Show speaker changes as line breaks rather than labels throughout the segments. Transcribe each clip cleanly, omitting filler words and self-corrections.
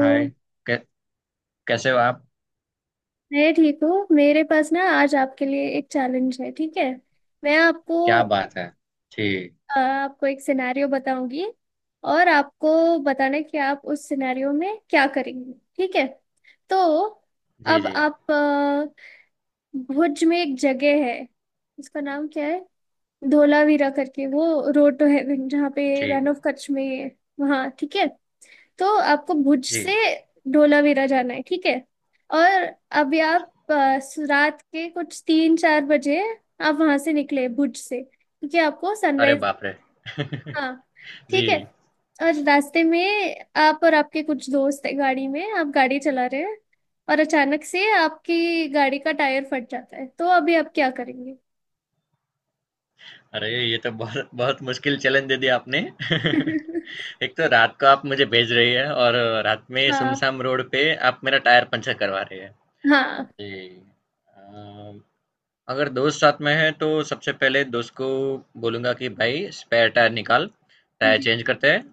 हाय। कै, कैसे हो आप।
मैं ठीक हूँ। मेरे पास ना आज आपके लिए एक चैलेंज है, ठीक है। मैं आपको
क्या बात है। जी।
अ, आपको एक सिनेरियो बताऊंगी। और आपको बताना है कि आप उस सिनेरियो में क्या करेंगे, ठीक है। तो
जी।
अब
जी।
आप अ, भुज में एक जगह है, उसका नाम क्या है, धोलावीरा करके। वो रोड तो है जहाँ पे,
जी।
रन ऑफ कच्छ में है वहाँ, ठीक है। तो आपको भुज से
जी।
धोलावीरा जाना है, ठीक है। और अभी रात के कुछ 3-4 बजे आप वहां से निकले भुज से, क्योंकि आपको
अरे
सनराइज।
बाप रे।
हाँ, ठीक है।
जी।
और रास्ते में आप और आपके कुछ दोस्त है गाड़ी में, आप गाड़ी चला रहे हैं। और अचानक से आपकी गाड़ी का टायर फट जाता है, तो अभी आप क्या करेंगे।
अरे, ये तो बहुत बहुत मुश्किल चैलेंज दे दिया आपने। एक तो रात को आप मुझे भेज रही है और रात में
हाँ।
सुमसाम रोड पे आप मेरा टायर पंचर करवा रही है।
हाँ।
जी। अम, अगर दोस्त साथ में है तो सबसे पहले दोस्त को बोलूंगा कि भाई स्पेयर टायर निकाल। टायर
जी।
चेंज करते हैं।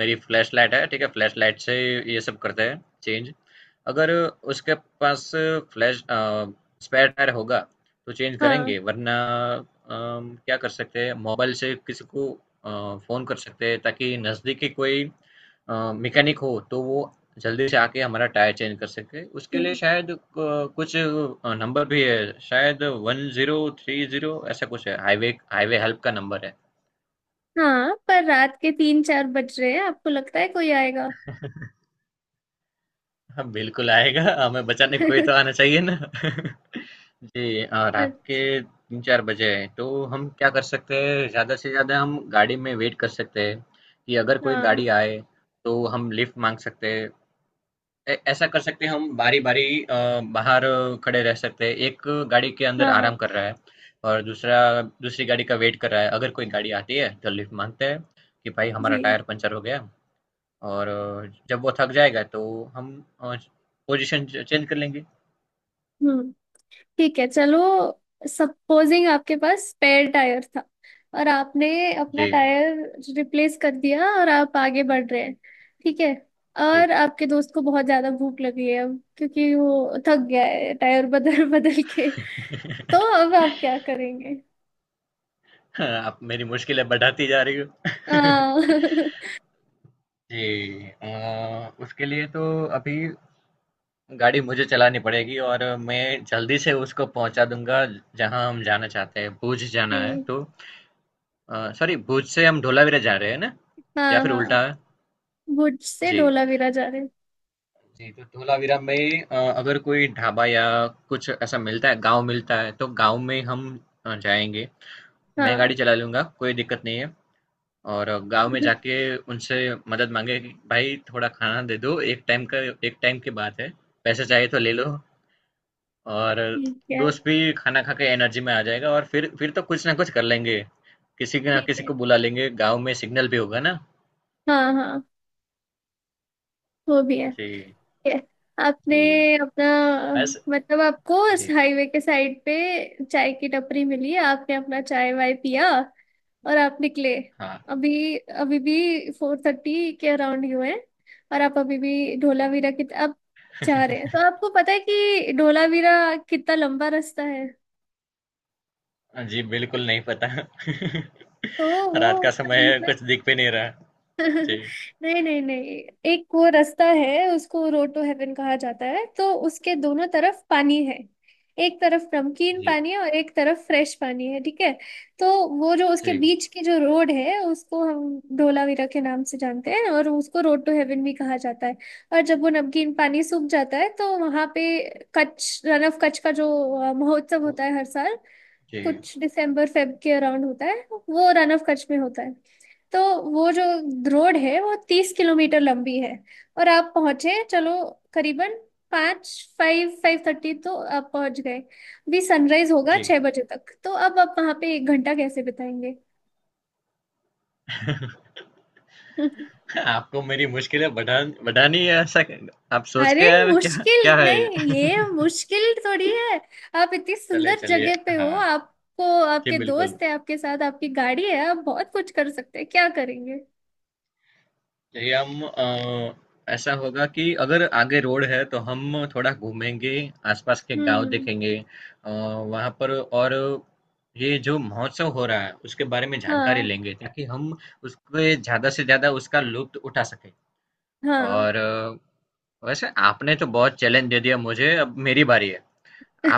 मेरी फ्लैश लाइट है, ठीक है, फ्लैश लाइट से ये सब करते हैं चेंज। अगर उसके पास फ्लैश स्पेयर टायर होगा तो चेंज
हाँ।
करेंगे, वरना क्या कर सकते हैं, मोबाइल से किसी को फ़ोन कर सकते हैं ताकि नज़दीकी कोई मैकेनिक हो तो वो जल्दी से आके हमारा टायर चेंज कर सके। उसके
जी।
लिए शायद कुछ नंबर भी है शायद, 1030, ऐसा कुछ है, हाईवे हाईवे हेल्प का नंबर
हाँ, पर रात के 3-4 बज रहे हैं, आपको लगता है कोई आएगा?
है। हाँ, बिल्कुल आएगा, हमें बचाने कोई तो आना चाहिए ना। जी। रात के तीन चार बजे हैं, तो हम क्या कर सकते हैं, ज्यादा से ज्यादा हम गाड़ी में वेट कर सकते हैं कि अगर कोई गाड़ी
अच्छा।
आए तो हम लिफ्ट मांग सकते हैं। ऐसा कर सकते हैं, हम बारी बारी बाहर खड़े रह सकते हैं, एक गाड़ी के अंदर
हाँ।
आराम कर रहा है और दूसरा दूसरी गाड़ी का वेट कर रहा है, अगर कोई गाड़ी आती है तो लिफ्ट मांगते हैं कि भाई हमारा
जी।
टायर पंचर हो गया। और जब वो थक जाएगा तो हम अ, पोजीशन चेंज कर लेंगे।
हम्म, ठीक है, चलो। सपोजिंग आपके पास स्पेयर टायर था, और आपने
जी।
अपना टायर रिप्लेस कर दिया और आप आगे बढ़ रहे हैं, ठीक है।
जी।
और आपके दोस्त को बहुत ज्यादा भूख लगी है अब, क्योंकि वो थक गया है टायर बदल बदल के। तो अब आप क्या करेंगे?
आप मेरी मुश्किलें बढ़ाती जा रही हो।
हाँ।
जी। अ, उसके लिए तो अभी गाड़ी मुझे चलानी पड़ेगी और मैं जल्दी से उसको पहुंचा दूंगा जहां हम जाना चाहते हैं। भुज जाना है
जी।
तो सॉरी, भुज से हम धोलावीरा जा रहे हैं ना, या
हाँ,
फिर
हाँ,
उल्टा है?
भुज से
जी।
ढोलावीरा जा रहे हैं।
जी, तो धोलावीरा में अगर कोई ढाबा या कुछ ऐसा मिलता है, गाँव मिलता है, तो गाँव में हम जाएँगे। मैं गाड़ी
हाँ।
चला लूँगा, कोई दिक्कत नहीं है, और गाँव में जाके उनसे मदद माँगे कि भाई थोड़ा खाना दे दो, एक टाइम का, एक टाइम की बात है, पैसे चाहिए तो ले लो। और
ठीक है।
दोस्त भी खाना खा के एनर्जी में आ जाएगा, और फिर तो कुछ ना कुछ कर लेंगे। किसी के ना
ठीक
किसी
है,
को बुला लेंगे, गाँव में सिग्नल भी होगा ना।
हाँ, हाँ, वो भी है।
जी।
ये आपने
जी।
अपना
बस।
मतलब आपको इस
जी।
हाईवे के साइड पे चाय की टपरी मिली, आपने अपना चाय वाय पिया और आप निकले।
हाँ।
अभी अभी भी 4:30 के अराउंड ही हुए हैं। और आप अभी भी धोलावीरा की अब जा रहे हैं, तो आपको पता है कि धोलावीरा कितना लंबा रास्ता है?
हाँ जी, बिल्कुल नहीं पता।
तो वो
रात का समय है,
करीबन
कुछ दिख भी नहीं रहा। जी।
नहीं, नहीं, नहीं। एक वो रास्ता है, उसको रोड टू हेवन कहा जाता है। तो उसके दोनों तरफ पानी है, एक तरफ नमकीन
जी।
पानी है और एक तरफ फ्रेश पानी है, ठीक है। तो वो जो उसके
जी।
बीच की जो रोड है, उसको हम धोलावीरा के नाम से जानते हैं, और उसको रोड टू हेवन भी कहा जाता है। और जब वो नमकीन पानी सूख जाता है, तो वहां पे कच्छ, रन ऑफ कच्छ का जो महोत्सव होता है हर साल,
जी।
कुछ दिसंबर फेब के अराउंड होता है, वो रन ऑफ कच्छ में होता है। तो वो जो रोड है, वो 30 किलोमीटर लंबी है। और आप पहुंचे, चलो, करीबन 5, 5:30 तो आप पहुंच गए। भी सनराइज होगा
जी।
6 बजे तक, तो अब आप वहां पे 1 घंटा कैसे बिताएंगे?
आपको मेरी मुश्किलें बढ़ानी है, ऐसा आप सोच
अरे
के आए हो क्या? क्या
मुश्किल
है
नहीं, ये
ये?
मुश्किल थोड़ी है। आप इतनी
चलिए,
सुंदर
चलिए।
जगह पे हो,
हाँ,
आपको,
जी
आपके
बिल्कुल।
दोस्त है आपके साथ, आपकी गाड़ी है, आप बहुत कुछ कर सकते हैं, क्या करेंगे?
ये हम ऐसा होगा कि अगर आगे रोड है तो हम थोड़ा घूमेंगे, आसपास के गांव
हम्म।
देखेंगे वहाँ पर। और ये जो महोत्सव हो रहा है उसके बारे में जानकारी
हाँ,
लेंगे ताकि हम उसके ज़्यादा से ज़्यादा उसका लुत्फ उठा सके।
हाँ।
और वैसे आपने तो बहुत चैलेंज दे दिया मुझे, अब मेरी बारी है,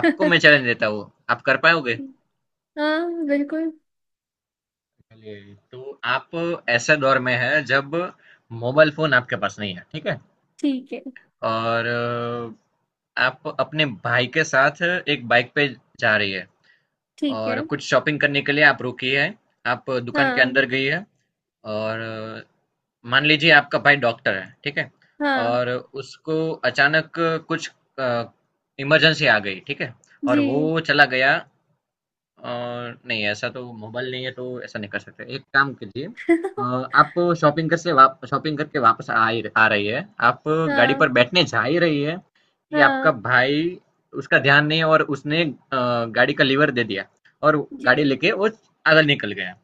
आपको मैं चैलेंज देता हूँ, आप कर पाओगे।
हाँ, बिल्कुल।
चलिए, तो आप ऐसे दौर में है जब मोबाइल फोन आपके पास नहीं है, ठीक है।
ठीक है।
और आप अपने भाई के साथ एक बाइक पे जा रही है
ठीक है।
और कुछ शॉपिंग करने के लिए आप रुकी है, आप दुकान के
हाँ,
अंदर गई है। और मान लीजिए आपका भाई डॉक्टर है, ठीक है,
हाँ।
और उसको अचानक कुछ इमरजेंसी आ गई, ठीक है, और
जी।
वो चला गया। अ, नहीं, ऐसा तो मोबाइल नहीं है तो ऐसा नहीं कर सकते। एक काम कीजिए, अ, आप शॉपिंग करके वापस आ रही है, आप गाड़ी
हाँ,
पर बैठने जा ही रही है कि आपका
हाँ।
भाई, उसका ध्यान नहीं है, और उसने गाड़ी का लीवर दे दिया और गाड़ी
जी,
लेके वो आगे निकल गया।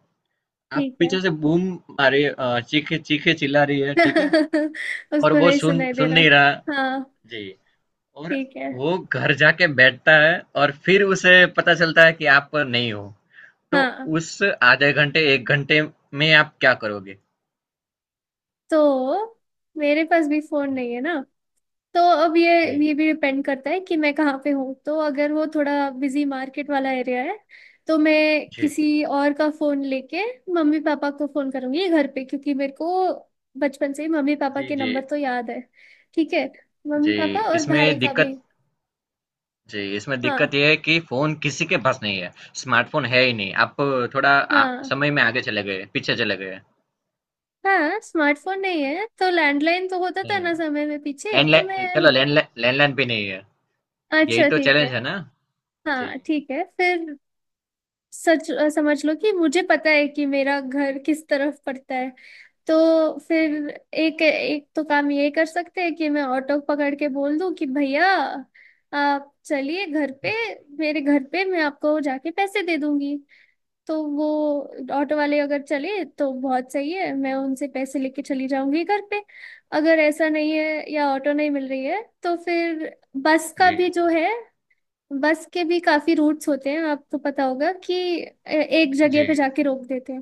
आप
ठीक है।
पीछे से बूम मारे, चीखे चीखे चिल्ला रही है, ठीक है, और
उसको
वो
नहीं
सुन
सुनाई दे
सुन नहीं रहा।
रहा, हाँ।
जी। और
ठीक है।
वो घर जाके बैठता है और फिर उसे पता चलता है कि आप नहीं हो, तो
हाँ,
उस आधे घंटे, 1 घंटे में आप क्या करोगे?
तो मेरे पास भी फोन
जी।
नहीं है ना। तो अब ये
जी।
ये भी डिपेंड करता है कि मैं कहाँ पे हूँ। तो अगर वो थोड़ा बिजी मार्केट वाला एरिया है, तो मैं
जी।
किसी और का फोन लेके मम्मी पापा को फोन करूंगी घर पे, क्योंकि मेरे को बचपन से ही मम्मी पापा
जी।
के
जी।
नंबर तो याद है, ठीक है, मम्मी पापा
जी,
और
इसमें
भाई का भी।
दिक्कत जी, इसमें दिक्कत
हाँ।
ये है कि फ़ोन किसी के पास नहीं है, स्मार्टफ़ोन है ही नहीं। आप थोड़ा
हाँ।
समय में आगे चले गए, पीछे चले गए।
हाँ, स्मार्टफोन नहीं है तो लैंडलाइन तो होता था
नहीं है।
ना समय में पीछे, तो मैं।
लैंडलाइन चलो, लैंडलाइन लैंडलाइन भी नहीं है, यही
अच्छा,
तो
ठीक है।
चैलेंज है ना? जी।
हाँ, ठीक है फिर। सच समझ लो कि मुझे पता है कि मेरा घर किस तरफ पड़ता है। तो फिर
जी।
एक एक तो काम ये कर सकते हैं कि मैं ऑटो पकड़ के बोल दूं कि भैया आप चलिए घर पे, मेरे घर पे मैं आपको जाके पैसे दे दूंगी। तो वो ऑटो वाले अगर चले तो बहुत सही है, मैं उनसे पैसे लेके चली जाऊंगी घर पे। अगर ऐसा नहीं है या ऑटो नहीं मिल रही है, तो फिर बस का
जी।
भी जो है, बस के भी काफी रूट्स होते हैं, आपको पता होगा कि एक जगह
जी।
पे जाके रोक देते हैं।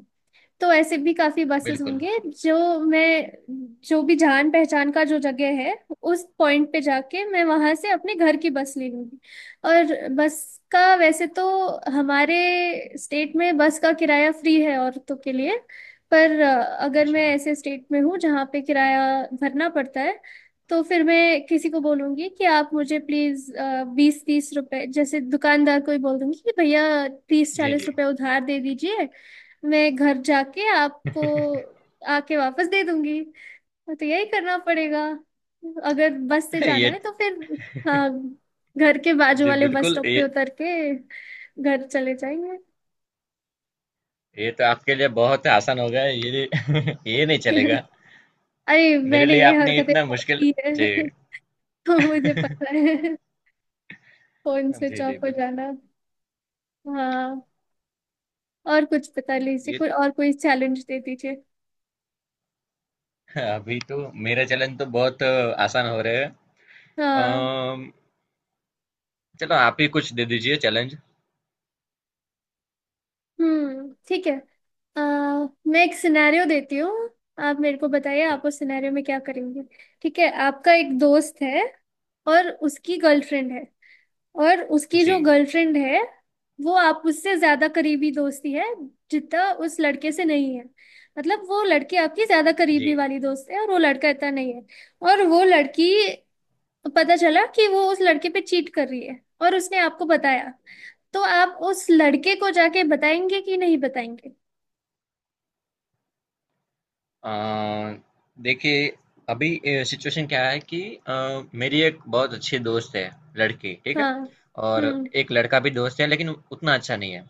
तो ऐसे भी काफी बसेस
बिल्कुल।
होंगे जो, मैं जो भी जान पहचान का जो जगह है, उस पॉइंट पे जाके मैं वहां से अपने घर की बस ले लूंगी। और बस का वैसे तो, हमारे स्टेट में बस का किराया फ्री है औरतों के लिए। पर अगर मैं
अच्छा।
ऐसे स्टेट में हूँ जहाँ पे किराया भरना पड़ता है, तो फिर मैं किसी को बोलूंगी कि आप मुझे प्लीज 20-30 रुपए, जैसे दुकानदार को ही बोल दूंगी कि भैया तीस
जी।
चालीस
जी।
रुपए उधार दे दीजिए, मैं घर जाके आपको आके वापस दे दूंगी। तो यही करना पड़ेगा अगर बस से जाना
ये
है। तो फिर हाँ, घर के बाजू
जी,
वाले बस
बिल्कुल।
स्टॉप पे
ये
उतर के घर चले जाएंगे।
ये तो आपके लिए बहुत आसान हो गया है, ये ये नहीं चलेगा।
अरे,
मेरे
मैंने
लिए
ये
आपने
हरकतें
इतना
बहुत
मुश्किल।
की है।
जी।
तो मुझे पता है फोन स्विच
जी। जी
ऑफ हो
बिल्कुल।
जाना। हाँ। और कुछ पता
तो
लीजिए,
ये,
कोई और कोई चैलेंज दे दीजिए।
अभी तो मेरे चैलेंज तो बहुत आसान हो रहे हैं।
हाँ।
अम, चलो आप ही कुछ दे दीजिए चैलेंज।
हम्म, ठीक है। अ, मैं एक सिनेरियो देती हूँ, आप मेरे को बताइए आप उस सिनेरियो में क्या करेंगे। ठीक है, आपका एक दोस्त है, और उसकी गर्लफ्रेंड है। और उसकी जो
जी।
गर्लफ्रेंड है, वो आप उससे ज्यादा करीबी दोस्ती है जितना उस लड़के से नहीं है। मतलब वो लड़की आपकी ज्यादा करीबी
जी।
वाली दोस्त है, और वो लड़का इतना नहीं है। और वो लड़की, पता चला कि वो उस लड़के पे चीट कर रही है, और उसने आपको बताया। तो आप उस लड़के को जाके बताएंगे कि नहीं बताएंगे?
अ, देखिए, अभी सिचुएशन क्या है कि अ, मेरी एक बहुत अच्छी दोस्त है, लड़की, ठीक है,
हाँ।
और
हम्म।
एक लड़का भी दोस्त है लेकिन उतना अच्छा नहीं है।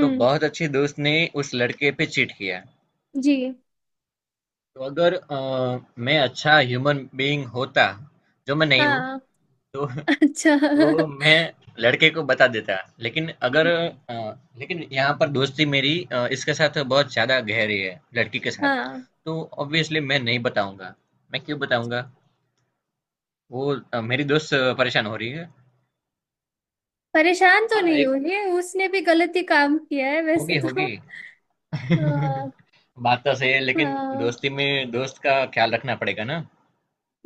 तो बहुत अच्छी दोस्त ने उस लड़के पे चीट किया।
जी।
तो अगर मैं अच्छा ह्यूमन बीइंग होता, जो मैं नहीं हूँ,
हाँ।
तो
अच्छा।
तो मैं लड़के को बता देता। लेकिन अगर
जी।
अ, लेकिन यहाँ पर दोस्ती मेरी इसके साथ बहुत ज्यादा गहरी है, लड़की के साथ।
हाँ,
तो ऑब्वियसली मैं नहीं बताऊंगा, मैं क्यों बताऊंगा। वो मेरी दोस्त परेशान हो रही है।
परेशान तो
हाँ,
नहीं
एक
होगी, उसने भी गलत ही काम किया है वैसे
होगी होगी।
तो। हाँ,
बात तो सही है लेकिन
हाँ।
दोस्ती में दोस्त का ख्याल रखना पड़ेगा ना।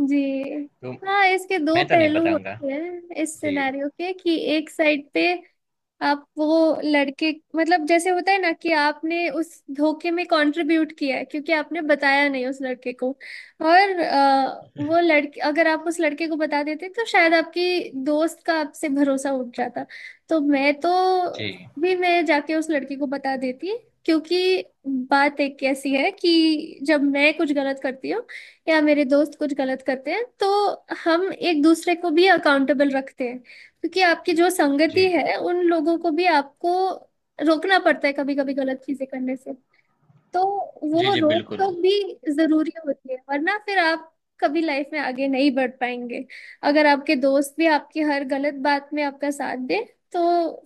जी।
तो
हाँ, इसके दो
मैं तो नहीं
पहलू
बताऊंगा।
होते हैं इस
जी।
सिनेरियो के, कि एक साइड पे आप वो लड़के, मतलब जैसे होता है ना कि आपने उस धोखे में कंट्रीब्यूट किया है, क्योंकि आपने बताया नहीं उस लड़के को, और वो लड़के, अगर आप उस लड़के को बता देते तो शायद आपकी दोस्त का आपसे भरोसा उठ जाता। तो मैं तो
जी।
भी मैं जाके उस लड़के को बता देती, क्योंकि बात एक ऐसी है कि जब मैं कुछ गलत करती हूँ या मेरे दोस्त कुछ गलत करते हैं, तो हम एक दूसरे को भी अकाउंटेबल रखते हैं, क्योंकि आपकी जो संगति
जी।
है उन लोगों को भी आपको रोकना पड़ता है कभी कभी गलत चीजें करने से। तो
जी।
वो
जी
रोक
बिल्कुल।
टोक भी जरूरी होती है, वरना फिर आप कभी लाइफ में आगे नहीं बढ़ पाएंगे। अगर आपके दोस्त भी आपकी हर गलत बात में आपका साथ दे, तो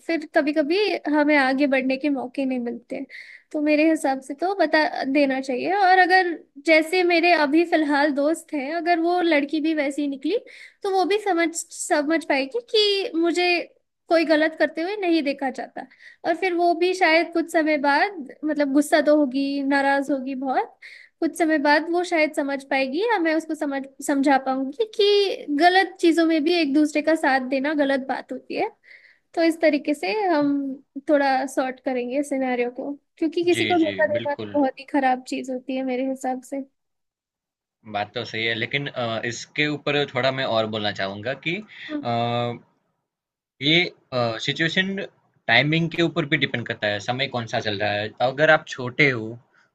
फिर कभी कभी हमें आगे बढ़ने के मौके नहीं मिलते। तो मेरे हिसाब से तो बता देना चाहिए। और अगर जैसे मेरे अभी फिलहाल दोस्त हैं, अगर वो लड़की भी वैसी ही निकली, तो वो भी समझ समझ पाएगी कि मुझे कोई गलत करते हुए नहीं देखा जाता। और फिर वो भी शायद कुछ समय बाद, मतलब गुस्सा तो होगी, नाराज होगी बहुत, कुछ समय बाद वो शायद समझ पाएगी या मैं उसको समझा पाऊंगी कि गलत चीजों में भी एक दूसरे का साथ देना गलत बात होती है। तो इस तरीके से हम थोड़ा सॉर्ट करेंगे सिनेरियो को, क्योंकि
जी।
किसी को
जी
धोखा देना तो
बिल्कुल,
बहुत ही खराब चीज होती है मेरे हिसाब से।
बात तो सही है, लेकिन इसके ऊपर थोड़ा मैं और बोलना चाहूँगा कि
हम्म।
अ, ये सिचुएशन टाइमिंग के ऊपर भी डिपेंड करता है, समय कौन सा चल रहा है। तो अगर आप छोटे हो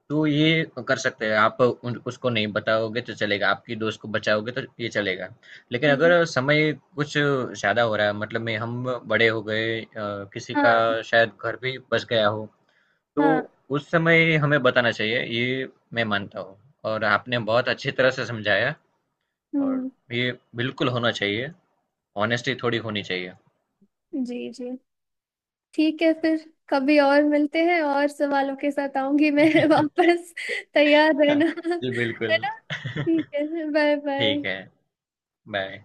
तो ये कर सकते हैं, आप उसको नहीं बताओगे तो चलेगा, आपकी दोस्त को बचाओगे तो ये चलेगा। लेकिन
जी।
अगर समय कुछ ज़्यादा हो रहा है, मतलब में हम बड़े हो गए, किसी का
हाँ।
शायद घर भी बस गया हो,
हाँ।
तो उस समय हमें बताना चाहिए, ये मैं मानता हूँ। और आपने बहुत अच्छी तरह से समझाया, और
हम्म।
ये बिल्कुल होना चाहिए, ऑनेस्टी थोड़ी होनी चाहिए।
जी, जी, ठीक है फिर। कभी और मिलते हैं और सवालों के साथ आऊंगी मैं वापस। तैयार
जी।
रहना
जी
है
बिल्कुल।
ना। ठीक है, बाय
ठीक है,
बाय।
बाय।